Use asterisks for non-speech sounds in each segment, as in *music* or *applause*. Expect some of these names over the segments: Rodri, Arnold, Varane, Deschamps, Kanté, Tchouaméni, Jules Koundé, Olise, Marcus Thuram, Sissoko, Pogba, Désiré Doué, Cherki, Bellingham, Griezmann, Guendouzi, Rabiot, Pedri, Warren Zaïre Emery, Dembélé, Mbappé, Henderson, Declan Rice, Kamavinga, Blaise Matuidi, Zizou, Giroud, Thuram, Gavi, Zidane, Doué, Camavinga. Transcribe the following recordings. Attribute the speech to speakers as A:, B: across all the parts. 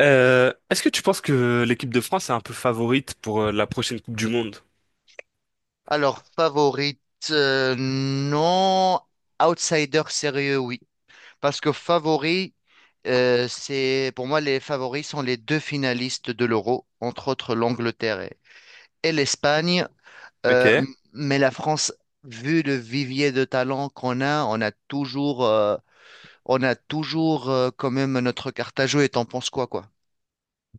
A: Est-ce que tu penses que l'équipe de France est un peu favorite pour la prochaine Coupe du Monde?
B: Alors, favorite, non. Outsider sérieux, oui. Parce que favori, c'est, pour moi, les favoris sont les deux finalistes de l'Euro, entre autres l'Angleterre et l'Espagne. Euh, m-
A: Ok.
B: mais la France, vu le vivier de talent qu'on a, on a toujours quand même notre carte à jouer. Et t'en penses quoi, quoi?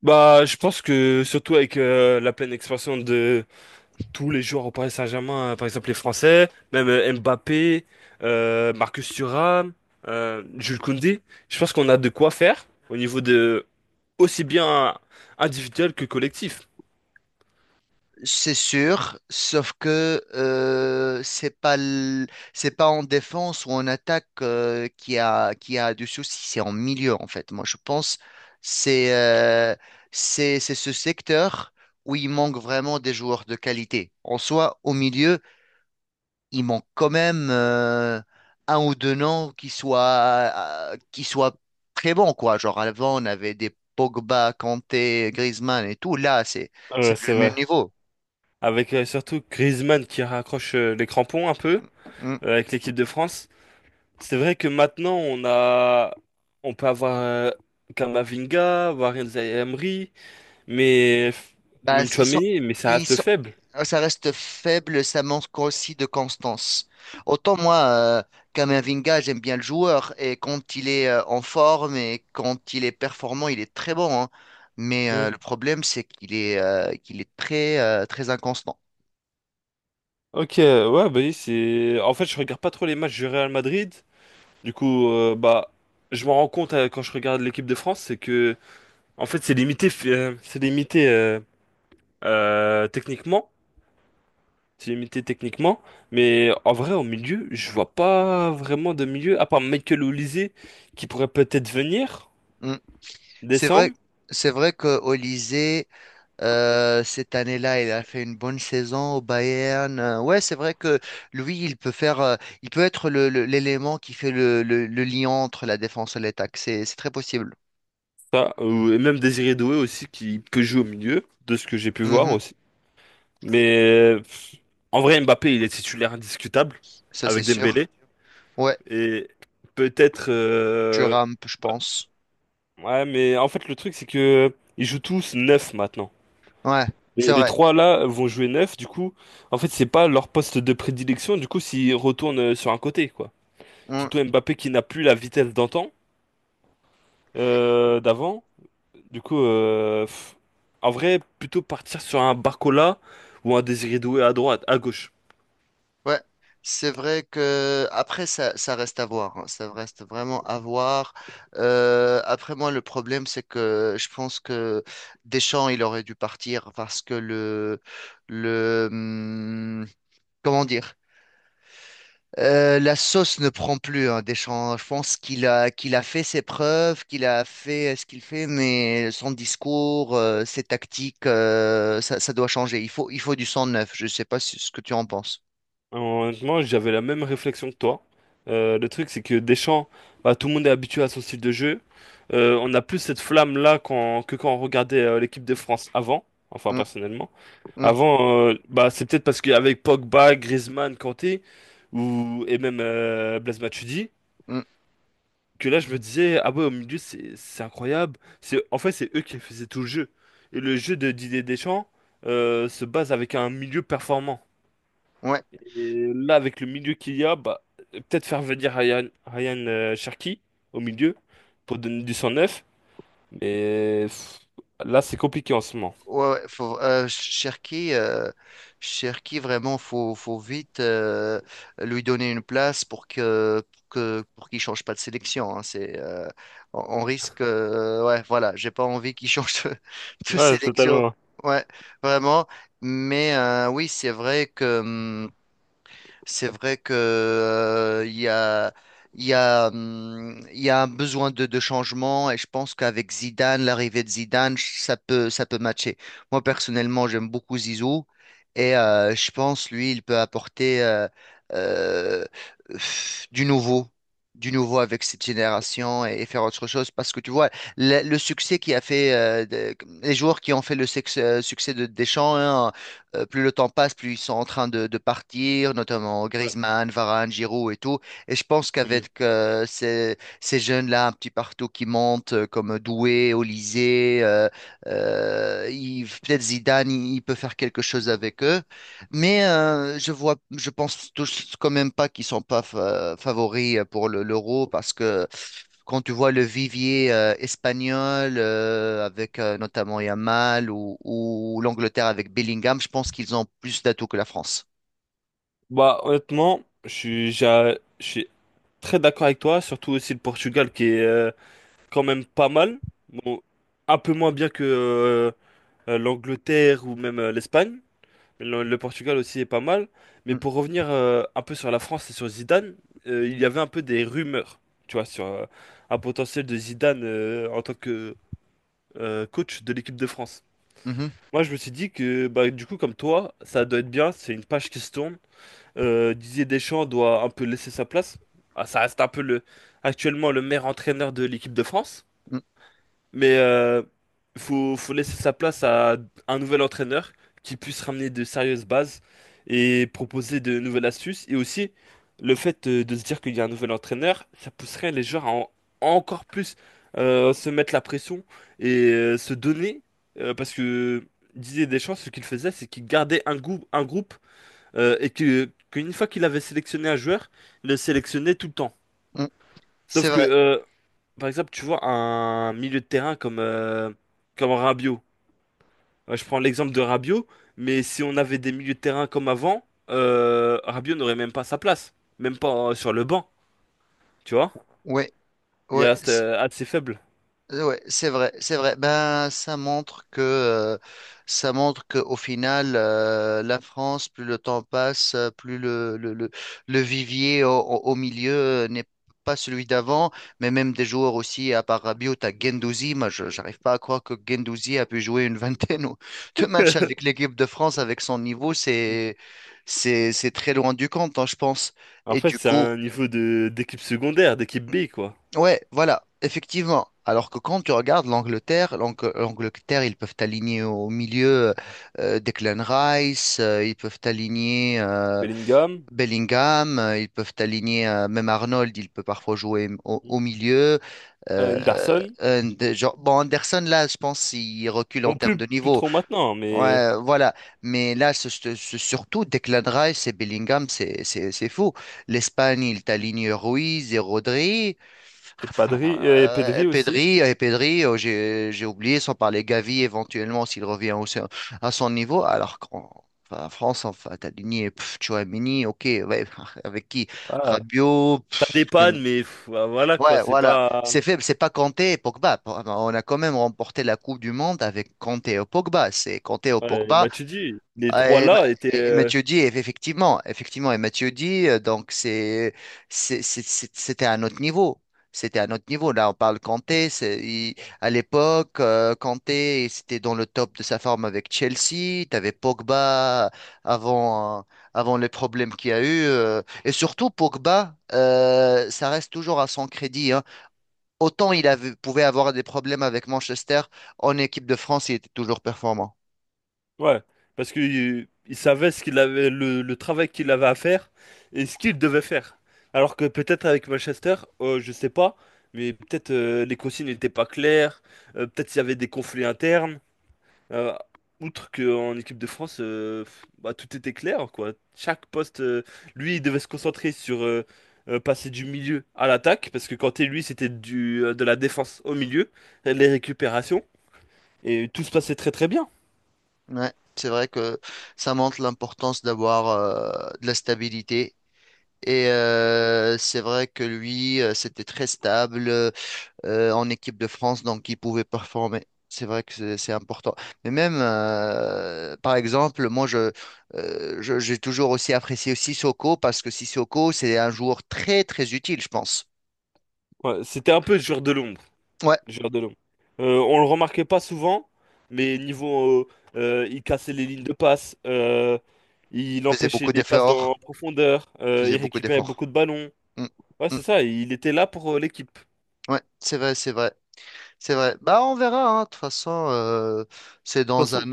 A: Bah, je pense que surtout avec la pleine expansion de tous les joueurs au Paris Saint-Germain, par exemple les Français, même Mbappé, Marcus Thuram, Jules Koundé. Je pense qu'on a de quoi faire au niveau de, aussi bien individuel que collectif.
B: C'est sûr, sauf que c'est pas en défense ou en attaque, qui a du souci, c'est en milieu en fait. Moi, je pense c'est euh, c'est ce secteur où il manque vraiment des joueurs de qualité. En soi, au milieu, il manque quand même, un ou deux noms qui soient très bons quoi. Genre avant, on avait des Pogba, Kanté, Griezmann et tout. Là, c'est plus
A: C'est
B: le même
A: vrai.
B: niveau.
A: Avec surtout Griezmann qui raccroche les crampons un peu
B: Hmm.
A: avec l'équipe de France. C'est vrai que maintenant on peut avoir Camavinga, Warren Zaïre Emery, mais
B: Bah,
A: même Tchouaméni, mais ça
B: ils
A: reste
B: sont,
A: faible.
B: ça reste faible, ça manque aussi de constance. Autant moi, Kamavinga, j'aime bien le joueur et quand il est en forme et quand il est performant, il est très bon, hein. Mais le problème, c'est qu'il est très, très inconstant.
A: Ok, ouais, bah oui, c'est. En fait, je regarde pas trop les matchs du Real Madrid. Du coup, bah, je m'en rends compte quand je regarde l'équipe de France, c'est que, en fait, c'est limité, c'est limité techniquement, c'est limité techniquement. Mais en vrai, au milieu, je vois pas vraiment de milieu, à part Michael Olise qui pourrait peut-être venir
B: Mm. C'est vrai,
A: descendre,
B: c'est vrai que Olise. Cette année-là, il a fait une bonne saison au Bayern. Ouais, c'est vrai que lui, il peut être l'élément qui fait le lien entre la défense et l'attaque. C'est très possible.
A: ça, ou et même Désiré Doué aussi qui que joue au milieu, de ce que j'ai pu voir
B: Mhm.
A: aussi. Mais en vrai, Mbappé, il est titulaire indiscutable
B: Ça, c'est
A: avec Dembélé.
B: sûr. Ouais,
A: Et peut-être.
B: Thuram, je pense.
A: Ouais, mais en fait, le truc, c'est que ils jouent tous 9 maintenant.
B: Ouais, c'est
A: Les
B: vrai.
A: trois là vont jouer 9 du coup, en fait, c'est pas leur poste de prédilection, du coup, s'ils retournent sur un côté, quoi.
B: Mmh.
A: Surtout Mbappé qui n'a plus la vitesse d'antan, d'avant. Du coup, en vrai, plutôt partir sur un Barcola ou un Désiré Doué à droite, à gauche.
B: Ouais, c'est vrai que après ça, ça reste à voir, hein. Ça reste vraiment à voir. Après moi, le problème c'est que je pense que Deschamps il aurait dû partir parce que le comment dire, la sauce ne prend plus. Hein, Deschamps, je pense qu'il a fait ses preuves, qu'il a fait, ce qu'il fait, mais son discours, ses tactiques, ça doit changer. Il faut du sang neuf. Je ne sais pas ce que tu en penses.
A: Honnêtement, j'avais la même réflexion que toi. Le truc, c'est que Deschamps, bah, tout le monde est habitué à son style de jeu. On n'a plus cette flamme-là que quand on regardait l'équipe de France avant. Enfin,
B: Hum,
A: personnellement.
B: hum,
A: Avant, bah, c'est peut-être parce qu'avec Pogba, Griezmann, Kanté, et même Blaise Matuidi,
B: hum.
A: que là, je me disais, ah ouais, au milieu, c'est incroyable. C'est, en fait, c'est eux qui faisaient tout le jeu. Et le jeu de Didier Deschamps se base avec un milieu performant.
B: Ouais.
A: Et là, avec le milieu qu'il y a, bah, peut-être faire venir Ryan Cherki au milieu pour donner du sang neuf. Mais là, c'est compliqué en ce moment.
B: Ouais, ouais, faut, Cherki, vraiment, faut vite lui donner une place pour qu'il change pas de sélection, hein. On risque, ouais, voilà, j'ai pas envie qu'il change *laughs* de
A: Ouais,
B: sélection.
A: totalement.
B: Ouais, vraiment. Mais oui, c'est vrai que, il y a un besoin de changement et je pense qu'avec Zidane, l'arrivée de Zidane, ça peut matcher. Moi, personnellement, j'aime beaucoup Zizou et je pense, lui, il peut apporter euh, du nouveau. Du nouveau avec cette génération et, faire autre chose parce que tu vois le succès qui a fait les joueurs qui ont fait succès de Deschamps, hein, plus le temps passe, plus ils sont en train de partir, notamment
A: Ouais.
B: Griezmann, Varane, Giroud et tout. Et je pense
A: Mm.
B: qu'avec ces jeunes-là un petit partout qui montent, comme Doué, Olysée, peut-être Zidane, il peut faire quelque chose avec eux. Mais je vois, je pense tous quand même pas qu'ils sont pas favoris, pour l'Euro parce que quand tu vois le vivier espagnol avec notamment Yamal ou l'Angleterre avec Bellingham, je pense qu'ils ont plus d'atouts que la France.
A: Bah, honnêtement, je suis très d'accord avec toi, surtout aussi le Portugal qui est quand même pas mal. Bon, un peu moins bien que l'Angleterre ou même l'Espagne. Le Portugal aussi est pas mal. Mais
B: Mm,
A: pour revenir un peu sur la France et sur Zidane, il y avait un peu des rumeurs, tu vois, sur un potentiel de Zidane en tant que coach de l'équipe de France.
B: mhm,
A: Moi, je me suis dit que, bah, du coup, comme toi, ça doit être bien, c'est une page qui se tourne. Didier Deschamps doit un peu laisser sa place. Ah, ça reste un peu actuellement le meilleur entraîneur de l'équipe de France.
B: mm,
A: Mais faut laisser sa place à un nouvel entraîneur qui puisse ramener de sérieuses bases et proposer de nouvelles astuces. Et aussi, le fait de se dire qu'il y a un nouvel entraîneur, ça pousserait les joueurs à encore plus se mettre la pression et se donner. Parce que Didier Deschamps, ce qu'il faisait, c'est qu'il gardait un groupe et qu'une fois qu'il avait sélectionné un joueur, il le sélectionnait tout le temps.
B: mm. C'est
A: Sauf que,
B: vrai.
A: par exemple, tu vois un milieu de terrain comme Rabiot. Je prends l'exemple de Rabiot, mais si on avait des milieux de terrain comme avant, Rabiot n'aurait même pas sa place, même pas sur le banc, tu vois?
B: Ouais,
A: Il
B: ouais.
A: reste assez faible.
B: Ouais, c'est vrai, c'est vrai. Ben, ça montre que au final, la France, plus le temps passe, plus le vivier au milieu, n'est pas celui d'avant, mais même des joueurs aussi, à part Rabiot, t'as Guendouzi. Moi, je j'arrive pas à croire que Guendouzi a pu jouer une *laughs* vingtaine de matchs
A: *laughs*
B: avec l'équipe de France avec son niveau. C'est très loin du compte, hein, je pense.
A: En
B: Et
A: fait,
B: du
A: c'est
B: coup.
A: un niveau de d'équipe secondaire, d'équipe B, quoi.
B: Ouais, voilà, effectivement. Alors que quand tu regardes l'Angleterre, ils peuvent t'aligner au milieu, Declan Rice, ils peuvent t'aligner
A: Bellingham,
B: Bellingham, ils peuvent t'aligner même Arnold, il peut parfois jouer au milieu. Euh,
A: Henderson,
B: genre, bon, Anderson, là, je pense il recule en
A: bon,
B: termes
A: plus,
B: de
A: plus
B: niveau.
A: trop maintenant, hein, mais...
B: Ouais, voilà. Mais là, surtout Declan Rice et Bellingham, c'est fou. L'Espagne, ils t'alignent Ruiz et Rodri.
A: Et Pedri aussi.
B: Pedri, j'ai oublié, sans parler Gavi éventuellement s'il revient aussi à son niveau, alors qu'en enfin, en France, enfin, t'as Ligné, pff, Tchouaméni, ok, ouais, *laughs* avec qui?
A: Voilà.
B: Rabiot,
A: T'as des
B: pff,
A: pannes, mais voilà, quoi,
B: ouais,
A: c'est
B: voilà,
A: pas...
B: c'est faible, c'est pas Kanté et Pogba. Bon, on a quand même remporté la Coupe du Monde avec Kanté et Pogba. C'est Kanté et
A: Ouais,
B: Pogba,
A: Matuidi, les
B: ah,
A: trois là étaient.
B: Effectivement, donc c'était un autre niveau. C'était un autre niveau. Là, on parle Kanté. C'est- il- à l'époque, Kanté, c'était dans le top de sa forme avec Chelsea. Tu avais Pogba avant, euh, avant les problèmes qu'il y a eu. Et surtout, Pogba, ça reste toujours à son crédit, hein. Autant pouvait avoir des problèmes avec Manchester, en équipe de France, il était toujours performant.
A: Ouais, parce qu'il il savait ce qu'il avait, le travail qu'il avait à faire et ce qu'il devait faire. Alors que peut-être avec Manchester, je sais pas, mais peut-être les consignes n'étaient pas claires, peut-être s'il y avait des conflits internes. euh, Outre qu'en équipe de France, bah, tout était clair, quoi. Chaque poste, lui, il devait se concentrer sur passer du milieu à l'attaque, parce que quand Kanté, lui, c'était de la défense au milieu, les récupérations. Et tout se passait très très bien.
B: Ouais, c'est vrai que ça montre l'importance d'avoir de la stabilité. Et c'est vrai que lui, c'était très stable, en équipe de France, donc il pouvait performer. C'est vrai que c'est important. Mais même, par exemple, moi, j'ai toujours aussi apprécié Sissoko parce que Sissoko, c'est un joueur très, très utile, je pense.
A: Ouais, c'était un peu le joueur de l'ombre.
B: Ouais,
A: Le joueur de l'ombre. On le remarquait pas souvent, mais niveau, il cassait les lignes de passe, il
B: faisait
A: empêchait
B: beaucoup
A: les passes
B: d'efforts.
A: en profondeur, il
B: Faisait beaucoup
A: récupérait
B: d'efforts.
A: beaucoup de ballons.
B: Mm,
A: Ouais,
B: mm.
A: c'est ça, il était là pour l'équipe. De
B: Ouais, c'est vrai, c'est vrai. C'est vrai. Bah, on verra, hein. De toute façon, c'est
A: toute
B: dans
A: façon,
B: un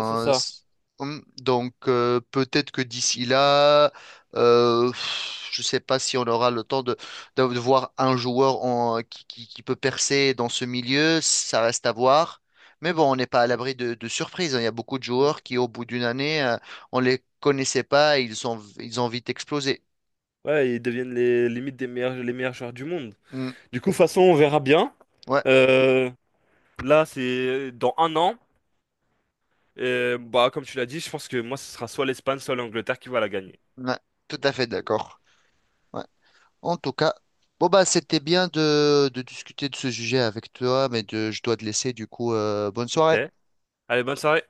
A: c'est ça.
B: Donc, peut-être que d'ici là, pff, je sais pas si on aura le temps de voir un joueur qui, qui peut percer dans ce milieu. Ça reste à voir. Mais bon, on n'est pas à l'abri de surprises, hein. Il y a beaucoup de
A: Mm.
B: joueurs qui, au bout d'une année, on les connaissait pas et ils ont vite explosé.
A: Ouais, ils deviennent les limites les meilleurs joueurs du monde.
B: Hum,
A: Du coup, de toute façon, on verra bien.
B: Ouais,
A: Euh, Là, c'est dans un an. Et, bah, comme tu l'as dit, je pense que moi, ce sera soit l'Espagne, soit l'Angleterre qui va la gagner.
B: ouais, tout à fait d'accord. Ouais. En tout cas, bon bah c'était bien de discuter de ce sujet avec toi, mais je dois te laisser du coup. Bonne
A: Ok.
B: soirée.
A: Allez, bonne soirée.